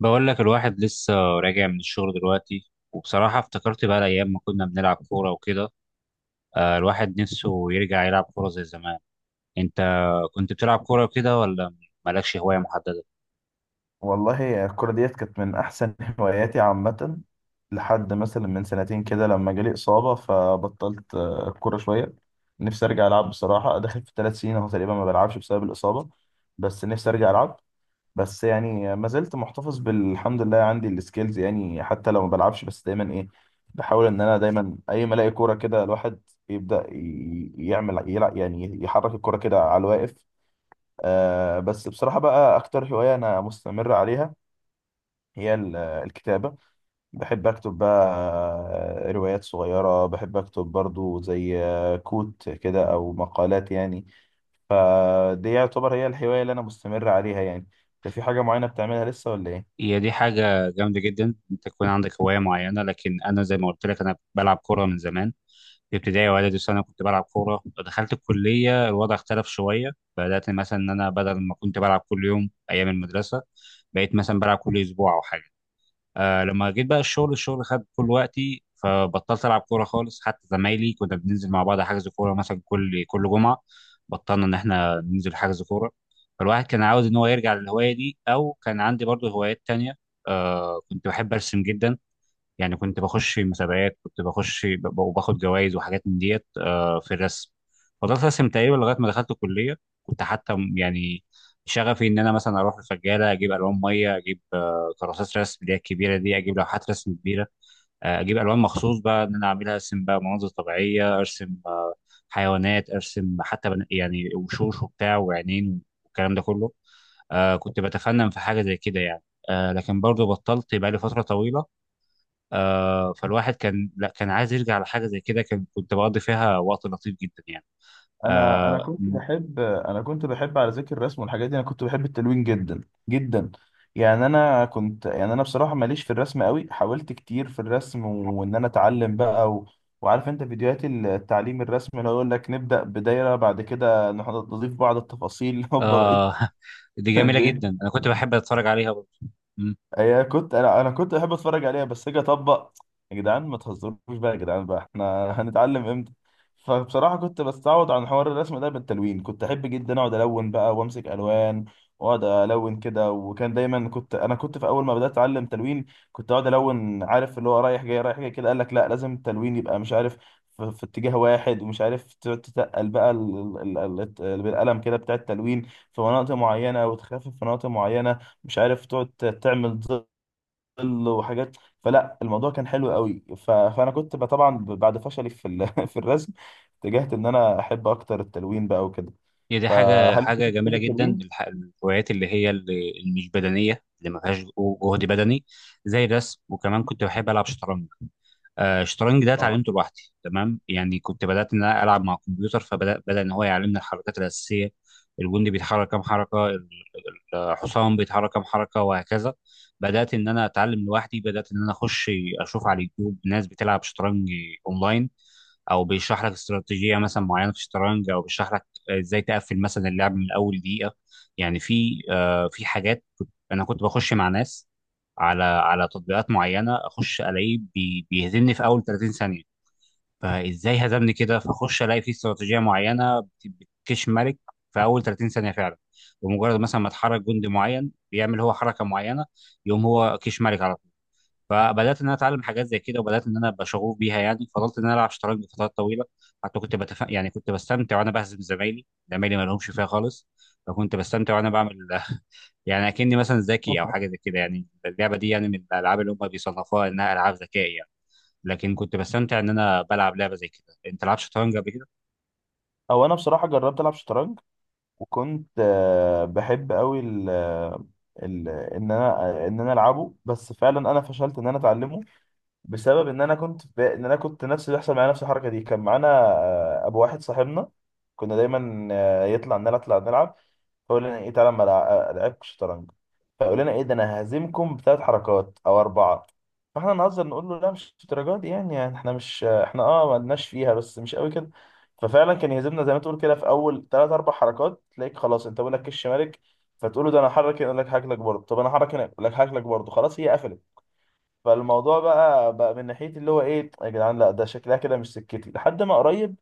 بقول لك الواحد لسه راجع من الشغل دلوقتي، وبصراحة افتكرت بقى الأيام ما كنا بنلعب كورة وكده. الواحد نفسه يرجع يلعب كورة زي زمان. أنت كنت بتلعب كورة وكده، ولا مالكش هواية محددة؟ والله الكرة ديت كانت من أحسن هواياتي عامة. لحد مثلا من سنتين كده لما جالي إصابة فبطلت الكرة شوية. نفسي أرجع ألعب بصراحة، داخل في 3 سنين أهو تقريبا ما بلعبش بسبب الإصابة. بس نفسي أرجع ألعب. بس يعني ما زلت محتفظ بالحمد لله عندي السكيلز، يعني حتى لو ما بلعبش بس دايما إيه، بحاول إن أنا دايما أي ما ألاقي كورة كده الواحد يبدأ يعمل يلعب، يعني يحرك الكورة كده على الواقف. آه، بس بصراحة بقى أكتر هواية أنا مستمر عليها هي الكتابة. بحب أكتب بقى. روايات صغيرة بحب أكتب برضو، زي كوت كده أو مقالات يعني. فدي يعتبر هي الهواية اللي أنا مستمر عليها يعني. ده في حاجة معينة بتعملها لسه ولا إيه؟ هي دي حاجة جامدة جدا، أنت تكون عندك هواية معينة. لكن أنا زي ما قلت لك، أنا بلعب كورة من زمان. في ابتدائي وإعدادي وثانوي كنت بلعب كورة. دخلت الكلية، الوضع اختلف شوية. بدأت مثلا إن أنا بدل ما كنت بلعب كل يوم أيام المدرسة، بقيت مثلا بلعب كل أسبوع أو حاجة. آه، لما جيت بقى الشغل خد كل وقتي، فبطلت العب كوره خالص. حتى زمايلي كنا بننزل مع بعض حجز كوره مثلا كل جمعه، بطلنا ان احنا ننزل حجز كوره. فالواحد كان عاوز ان هو يرجع للهوايه دي، او كان عندي برضو هوايات تانية. كنت بحب ارسم جدا. يعني كنت بخش مسابقات، وباخد جوائز وحاجات من ديت في الرسم. فضلت ارسم تقريبا لغايه ما دخلت الكليه. يعني شغفي ان انا مثلا اروح الفجاله، اجيب الوان ميه، اجيب كراسات رسم اللي هي الكبيره دي، اجيب لوحات رسم كبيره، اجيب الوان مخصوص بقى ان انا اعملها. ارسم بقى مناظر طبيعيه، ارسم حيوانات، ارسم حتى يعني وشوش وبتاع وعينين والكلام ده كله. كنت بتفنن في حاجه زي كده يعني. لكن برضه بطلت بقى لي فتره طويله. فالواحد كان، لا، كان عايز يرجع لحاجه زي كده، كنت بقضي فيها وقت لطيف جدا يعني. انا آه. انا كنت بحب، على ذكر الرسم والحاجات دي، انا كنت بحب التلوين جدا جدا. يعني انا كنت يعني انا بصراحه ماليش في الرسم قوي، حاولت كتير في الرسم وان انا اتعلم بقى وعارف انت فيديوهات التعليم الرسم، اللي هو يقول لك نبدا بدايره، بعد كده نضيف بعض التفاصيل هوبا بقيت. آه. دي جميله بقيت. جدا، انا كنت بحب اتفرج عليها برضه. هي كنت انا كنت بحب اتفرج عليها بس اجي اطبق. يا جدعان ما تهزروش بقى، يا جدعان بقى احنا هنتعلم امتى؟ فبصراحه كنت بستعوض عن حوار الرسم ده بالتلوين. كنت احب جدا اقعد الون بقى وامسك الوان واقعد الون كده. وكان دايما انا كنت في اول ما بدات اتعلم تلوين، كنت اقعد الون، عارف اللي هو رايح جاي رايح جاي كده، قال لك لا لازم التلوين يبقى مش عارف في اتجاه واحد، ومش عارف تقعد تتقل بقى بالقلم كده بتاع التلوين في مناطق معينه، وتخفف في مناطق معينه، مش عارف تقعد تعمل ظل وحاجات. فلا الموضوع كان حلو قوي. فانا كنت طبعا بعد فشلي في الرسم اتجهت ان انا احب اكتر التلوين بقى وكده. هي دي حاجة فهل انت كنت حاجة بتحب جميلة جدا، التلوين؟ الهوايات اللي هي اللي مش بدنية، اللي ما فيهاش جهد بدني. زي الرسم. وكمان كنت بحب ألعب شطرنج. الشطرنج ده اه. اتعلمته لوحدي تمام يعني. كنت بدأت إن أنا ألعب مع الكمبيوتر، فبدأ إن هو يعلمني الحركات الأساسية. الجندي بيتحرك كام حركة، الحصان بيتحرك كام حركة وهكذا. بدأت إن أنا أتعلم لوحدي. بدأت إن أنا أخش أشوف على اليوتيوب ناس بتلعب شطرنج أونلاين، او بيشرح لك استراتيجيه مثلا معينه في الشطرنج، او بيشرح لك ازاي تقفل مثلا اللعب من اول دقيقه. يعني في في حاجات، انا كنت بخش مع ناس على تطبيقات معينه، اخش الاقيه بيهزمني في اول 30 ثانيه. فازاي هزمني كده؟ فاخش الاقي في استراتيجيه معينه بتكش ملك في اول 30 ثانيه فعلا. بمجرد مثلا ما اتحرك جندي معين، بيعمل هو حركه معينه، يقوم هو كيش ملك على. فبدات ان انا اتعلم حاجات زي كده، وبدات ان انا ابقى شغوف بيها. يعني فضلت ان انا العب شطرنج لفترات طويله. حتى يعني كنت بستمتع وانا بهزم زمايلي. زمايلي ما لهمش فيها خالص، فكنت بستمتع وانا بعمل يعني اكني مثلا ذكي او حاجه زي كده. يعني اللعبه دي يعني من الالعاب اللي هم بيصنفوها انها العاب ذكاء يعني. لكن كنت بستمتع ان انا بلعب لعبه زي كده. انت لعبت شطرنج قبل كده؟ او انا بصراحه جربت العب شطرنج، وكنت بحب قوي ان انا العبه، بس فعلا انا فشلت ان انا اتعلمه بسبب ان انا كنت نفس اللي بيحصل معايا، نفس الحركه دي، كان معانا ابو واحد صاحبنا، كنا دايما يطلع نلعب نلعب نلعب، فقول لنا ايه، تعالى ما لعبكش شطرنج؟ فقول لنا ايه ده، انا ههزمكم ب3 حركات او 4. فاحنا نهزر نقول له لا مش الدرجه دي، يعني, احنا مش احنا ما لناش فيها بس مش قوي كده. ففعلا كان يهزمنا زي ما تقول كده في اول ثلاث اربع حركات، تلاقيك خلاص انت بقول لك كش مالك، فتقول له ده انا هحرك هنا، يقول لك هاكلك برضه، طب انا هحرك هنا، يقول لك هاكلك برضه، خلاص هي قفلت. فالموضوع بقى من ناحيه اللي هو ايه، يا جدعان، لا ده شكلها كده مش سكتي لحد ما قريب.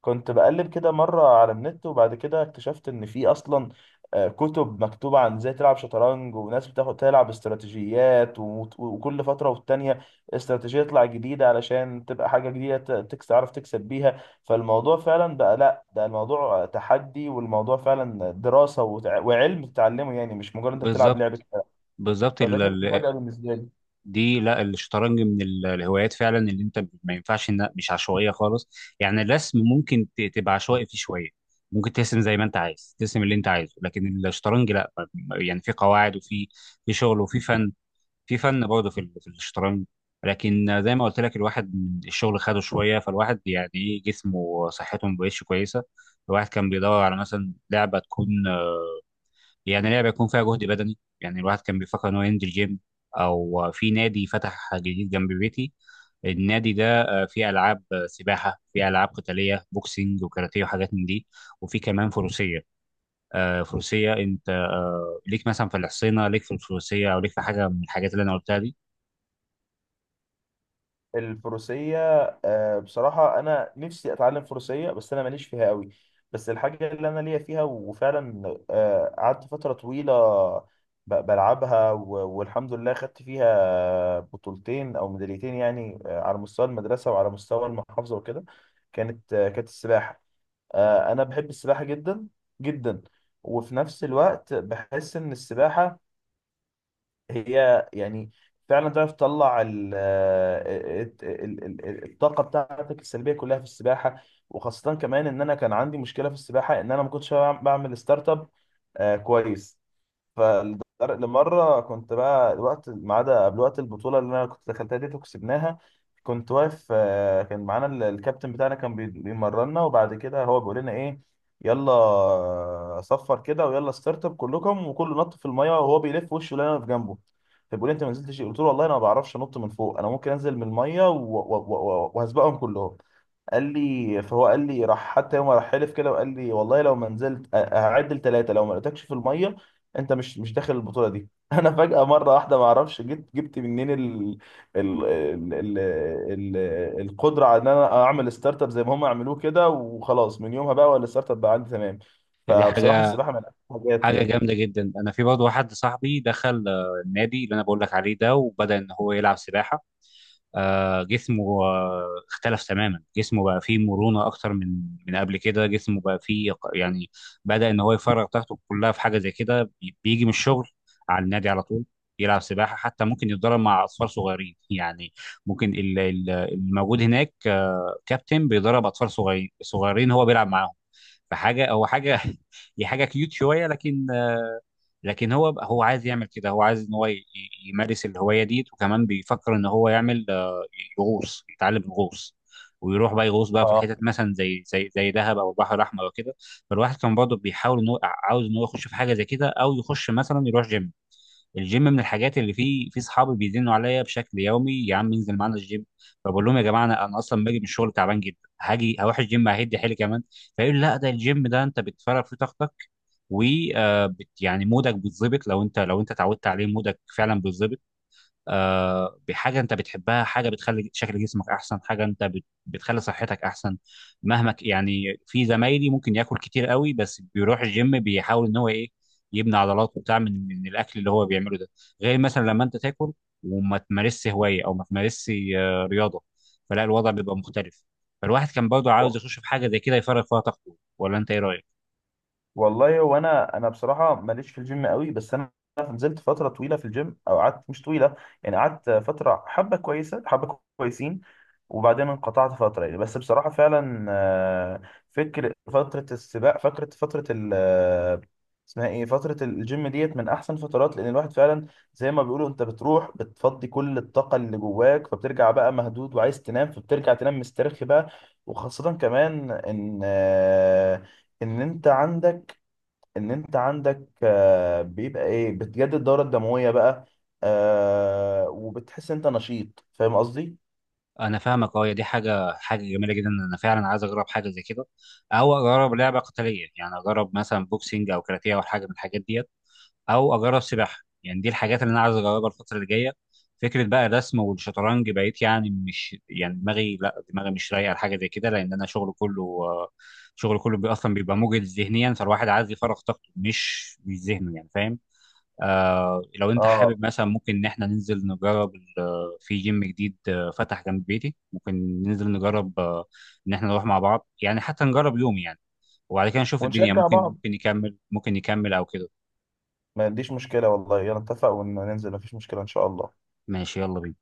كنت بقلب كده مرة على النت، وبعد كده اكتشفت إن في أصلا كتب مكتوبة عن إزاي تلعب شطرنج، وناس بتاخد تلعب استراتيجيات، وكل فترة والتانية استراتيجية تطلع جديدة علشان تبقى حاجة جديدة ت- تكس تعرف تكسب بيها. فالموضوع فعلا بقى لأ، ده الموضوع تحدي، والموضوع فعلا دراسة، وعلم تتعلمه، يعني مش مجرد أنت بتلعب بالظبط، لعبة كده. بالظبط. فده كانت مفاجأة بالنسبة لي. دي، لا، الشطرنج من الهوايات فعلا اللي انت ما ينفعش انها مش عشوائيه خالص. يعني الرسم ممكن تبقى عشوائي فيه شويه، ممكن ترسم زي ما انت عايز، ترسم اللي انت عايزه. لكن الشطرنج لا، يعني في قواعد، وفي شغل، وفي فن. في فن برضه في في الشطرنج. لكن زي ما قلت لك، الواحد من الشغل خده شويه، فالواحد يعني ايه، جسمه وصحته ما بقتش كويسه. الواحد كان بيدور على مثلا لعبه تكون، يعني لعبه يكون فيها جهد بدني. يعني الواحد كان بيفكر ان هو ينزل جيم. او في نادي فتح جديد جنب بيتي. النادي ده فيه العاب سباحه، فيه العاب قتاليه، بوكسينج وكاراتيه وحاجات من دي. وفي كمان فروسيه. فروسيه. انت ليك مثلا في الحصينه؟ ليك في الفروسيه؟ او ليك في حاجه من الحاجات اللي انا قلتها دي؟ الفروسية. بصراحة أنا نفسي أتعلم فروسية، بس أنا ماليش فيها قوي. بس الحاجة اللي أنا ليا فيها وفعلا قعدت فترة طويلة بلعبها والحمد لله خدت فيها بطولتين أو ميداليتين، يعني على مستوى المدرسة وعلى مستوى المحافظة وكده، كانت السباحة. أنا بحب السباحة جدا جدا. وفي نفس الوقت بحس إن السباحة هي يعني فعلا تعرف تطلع الطاقه بتاعتك السلبيه كلها في السباحه. وخاصه كمان ان انا كان عندي مشكله في السباحه، ان انا ما كنتش بعمل ستارت اب. كويس. فلمرة كنت بقى الوقت ما عدا قبل وقت البطولة اللي أنا كنت دخلتها دي وكسبناها، كنت واقف كان معانا الكابتن بتاعنا كان بيمرنا، وبعد كده هو بيقول لنا إيه: يلا 0 كده، ويلا ستارت اب كلكم، وكله نط في المية، وهو بيلف وشه لنا في جنبه. فبيقول لي: انت ما نزلتش ليه؟ قلت له: والله انا ما بعرفش انط من فوق، انا ممكن انزل من الميه وهسبقهم كلهم. قال لي، فهو قال لي راح حتى يوم راح حلف كده، وقال لي: والله لو ما نزلت هعد ل3، لو ما لقيتكش في الميه انت مش داخل البطوله دي. انا فجاه مره واحده ما اعرفش جبت منين ال ال ال ال ال القدره على ان انا اعمل ستارت اب زي ما هم عملوه كده. وخلاص من يومها بقى ولا الستارت اب بقى عندي تمام. دي فبصراحه حاجه السباحه من أحسن الحاجات حاجه يعني. جامده جدا. انا في برضه واحد صاحبي دخل النادي اللي انا بقول لك عليه ده، وبدا ان هو يلعب سباحه. جسمه اختلف تماما. جسمه بقى فيه مرونة أكتر من قبل كده. جسمه بقى فيه يعني بدأ إن هو يفرغ طاقته كلها في حاجة زي كده. بيجي من الشغل على النادي على طول، يلعب سباحة. حتى ممكن يتدرب مع أطفال صغيرين يعني. ممكن الموجود هناك، كابتن بيدرب أطفال صغيرين صغيرين، هو بيلعب معاهم. فحاجة هو حاجة هي حاجة كيوت شوية. لكن هو عايز يعمل كده، هو عايز ان هو يمارس الهوايه دي. وكمان بيفكر ان هو يعمل يغوص، يتعلم الغوص، ويروح بقى يغوص بقى في اه. الحتت مثلا زي دهب او البحر الاحمر وكده. فالواحد كان برضه بيحاول ان هو عاوز ان هو يخش في حاجه زي كده، او يخش مثلا يروح جيم. الجيم من الحاجات اللي فيه في صحابي بيزنوا عليا بشكل يومي: يا عم انزل معانا الجيم. فبقول لهم يا جماعه، انا اصلا باجي من الشغل تعبان جدا، هاجي هروح الجيم ههد حيلي كمان. فيقول لا، ده الجيم ده انت بتفرغ فيه طاقتك، و يعني مودك بيتظبط. لو انت اتعودت عليه، مودك فعلا بيتظبط بحاجه انت بتحبها، حاجه بتخلي شكل جسمك احسن، حاجه انت بتخلي صحتك احسن. يعني في زمايلي ممكن ياكل كتير قوي، بس بيروح الجيم بيحاول ان هو ايه، يبني عضلات وبتاع من الاكل اللي هو بيعمله ده. غير مثلا لما انت تاكل وما تمارسش هوايه، او ما تمارسش رياضه، فلا، الوضع بيبقى مختلف. فالواحد كان برضه عاوز يخش في حاجه زي كده يفرغ فيها طاقته. ولا انت ايه رايك؟ والله هو انا بصراحه ماليش في الجيم قوي، بس انا نزلت فتره طويله في الجيم، او قعدت مش طويله، يعني قعدت فتره حبه كويسه حبه كويسين، وبعدين انقطعت فتره يعني. بس بصراحه فعلا فكر فتره السباق فكره فتره ال آه، اسمها ايه، فتره الجيم ديت من احسن فترات، لان الواحد فعلا زي ما بيقولوا انت بتروح بتفضي كل الطاقه اللي جواك، فبترجع بقى مهدود وعايز تنام، فبترجع تنام مسترخي بقى. وخاصه كمان ان انت عندك ان انت عندك بيبقى ايه، بتجدد الدورة الدموية بقى. وبتحس انت نشيط، فاهم قصدي؟ انا فاهمك. اه، هي دي حاجه جميله جدا. انا فعلا عايز اجرب حاجه زي كده، او اجرب لعبه قتاليه. يعني اجرب مثلا بوكسينج او كاراتيه او حاجه من الحاجات ديت، او اجرب سباحه. يعني دي الحاجات اللي انا عايز اجربها الفتره اللي جايه. فكره بقى الرسم والشطرنج بقيت يعني مش، يعني دماغي، لا، دماغي مش رايقه لحاجه زي كده، لان انا شغل كله اصلا بيبقى مجهد ذهنيا. فالواحد عايز يفرغ طاقته، مش ذهنه يعني، فاهم. لو انت اه. حابب مثلا، ممكن ان احنا ننزل نجرب، في جيم جديد فتح جنب بيتي، ممكن ننزل نجرب ان احنا نروح مع بعض، يعني حتى نجرب يوم يعني. وبعد كده نشوف الدنيا، ونشجع ممكن بعض. ممكن نكمل، ممكن نكمل او كده. ما عنديش مشكلة والله، يلا نتفق وننزل، مفيش مشكلة ان شاء الله. ماشي، يلا بينا.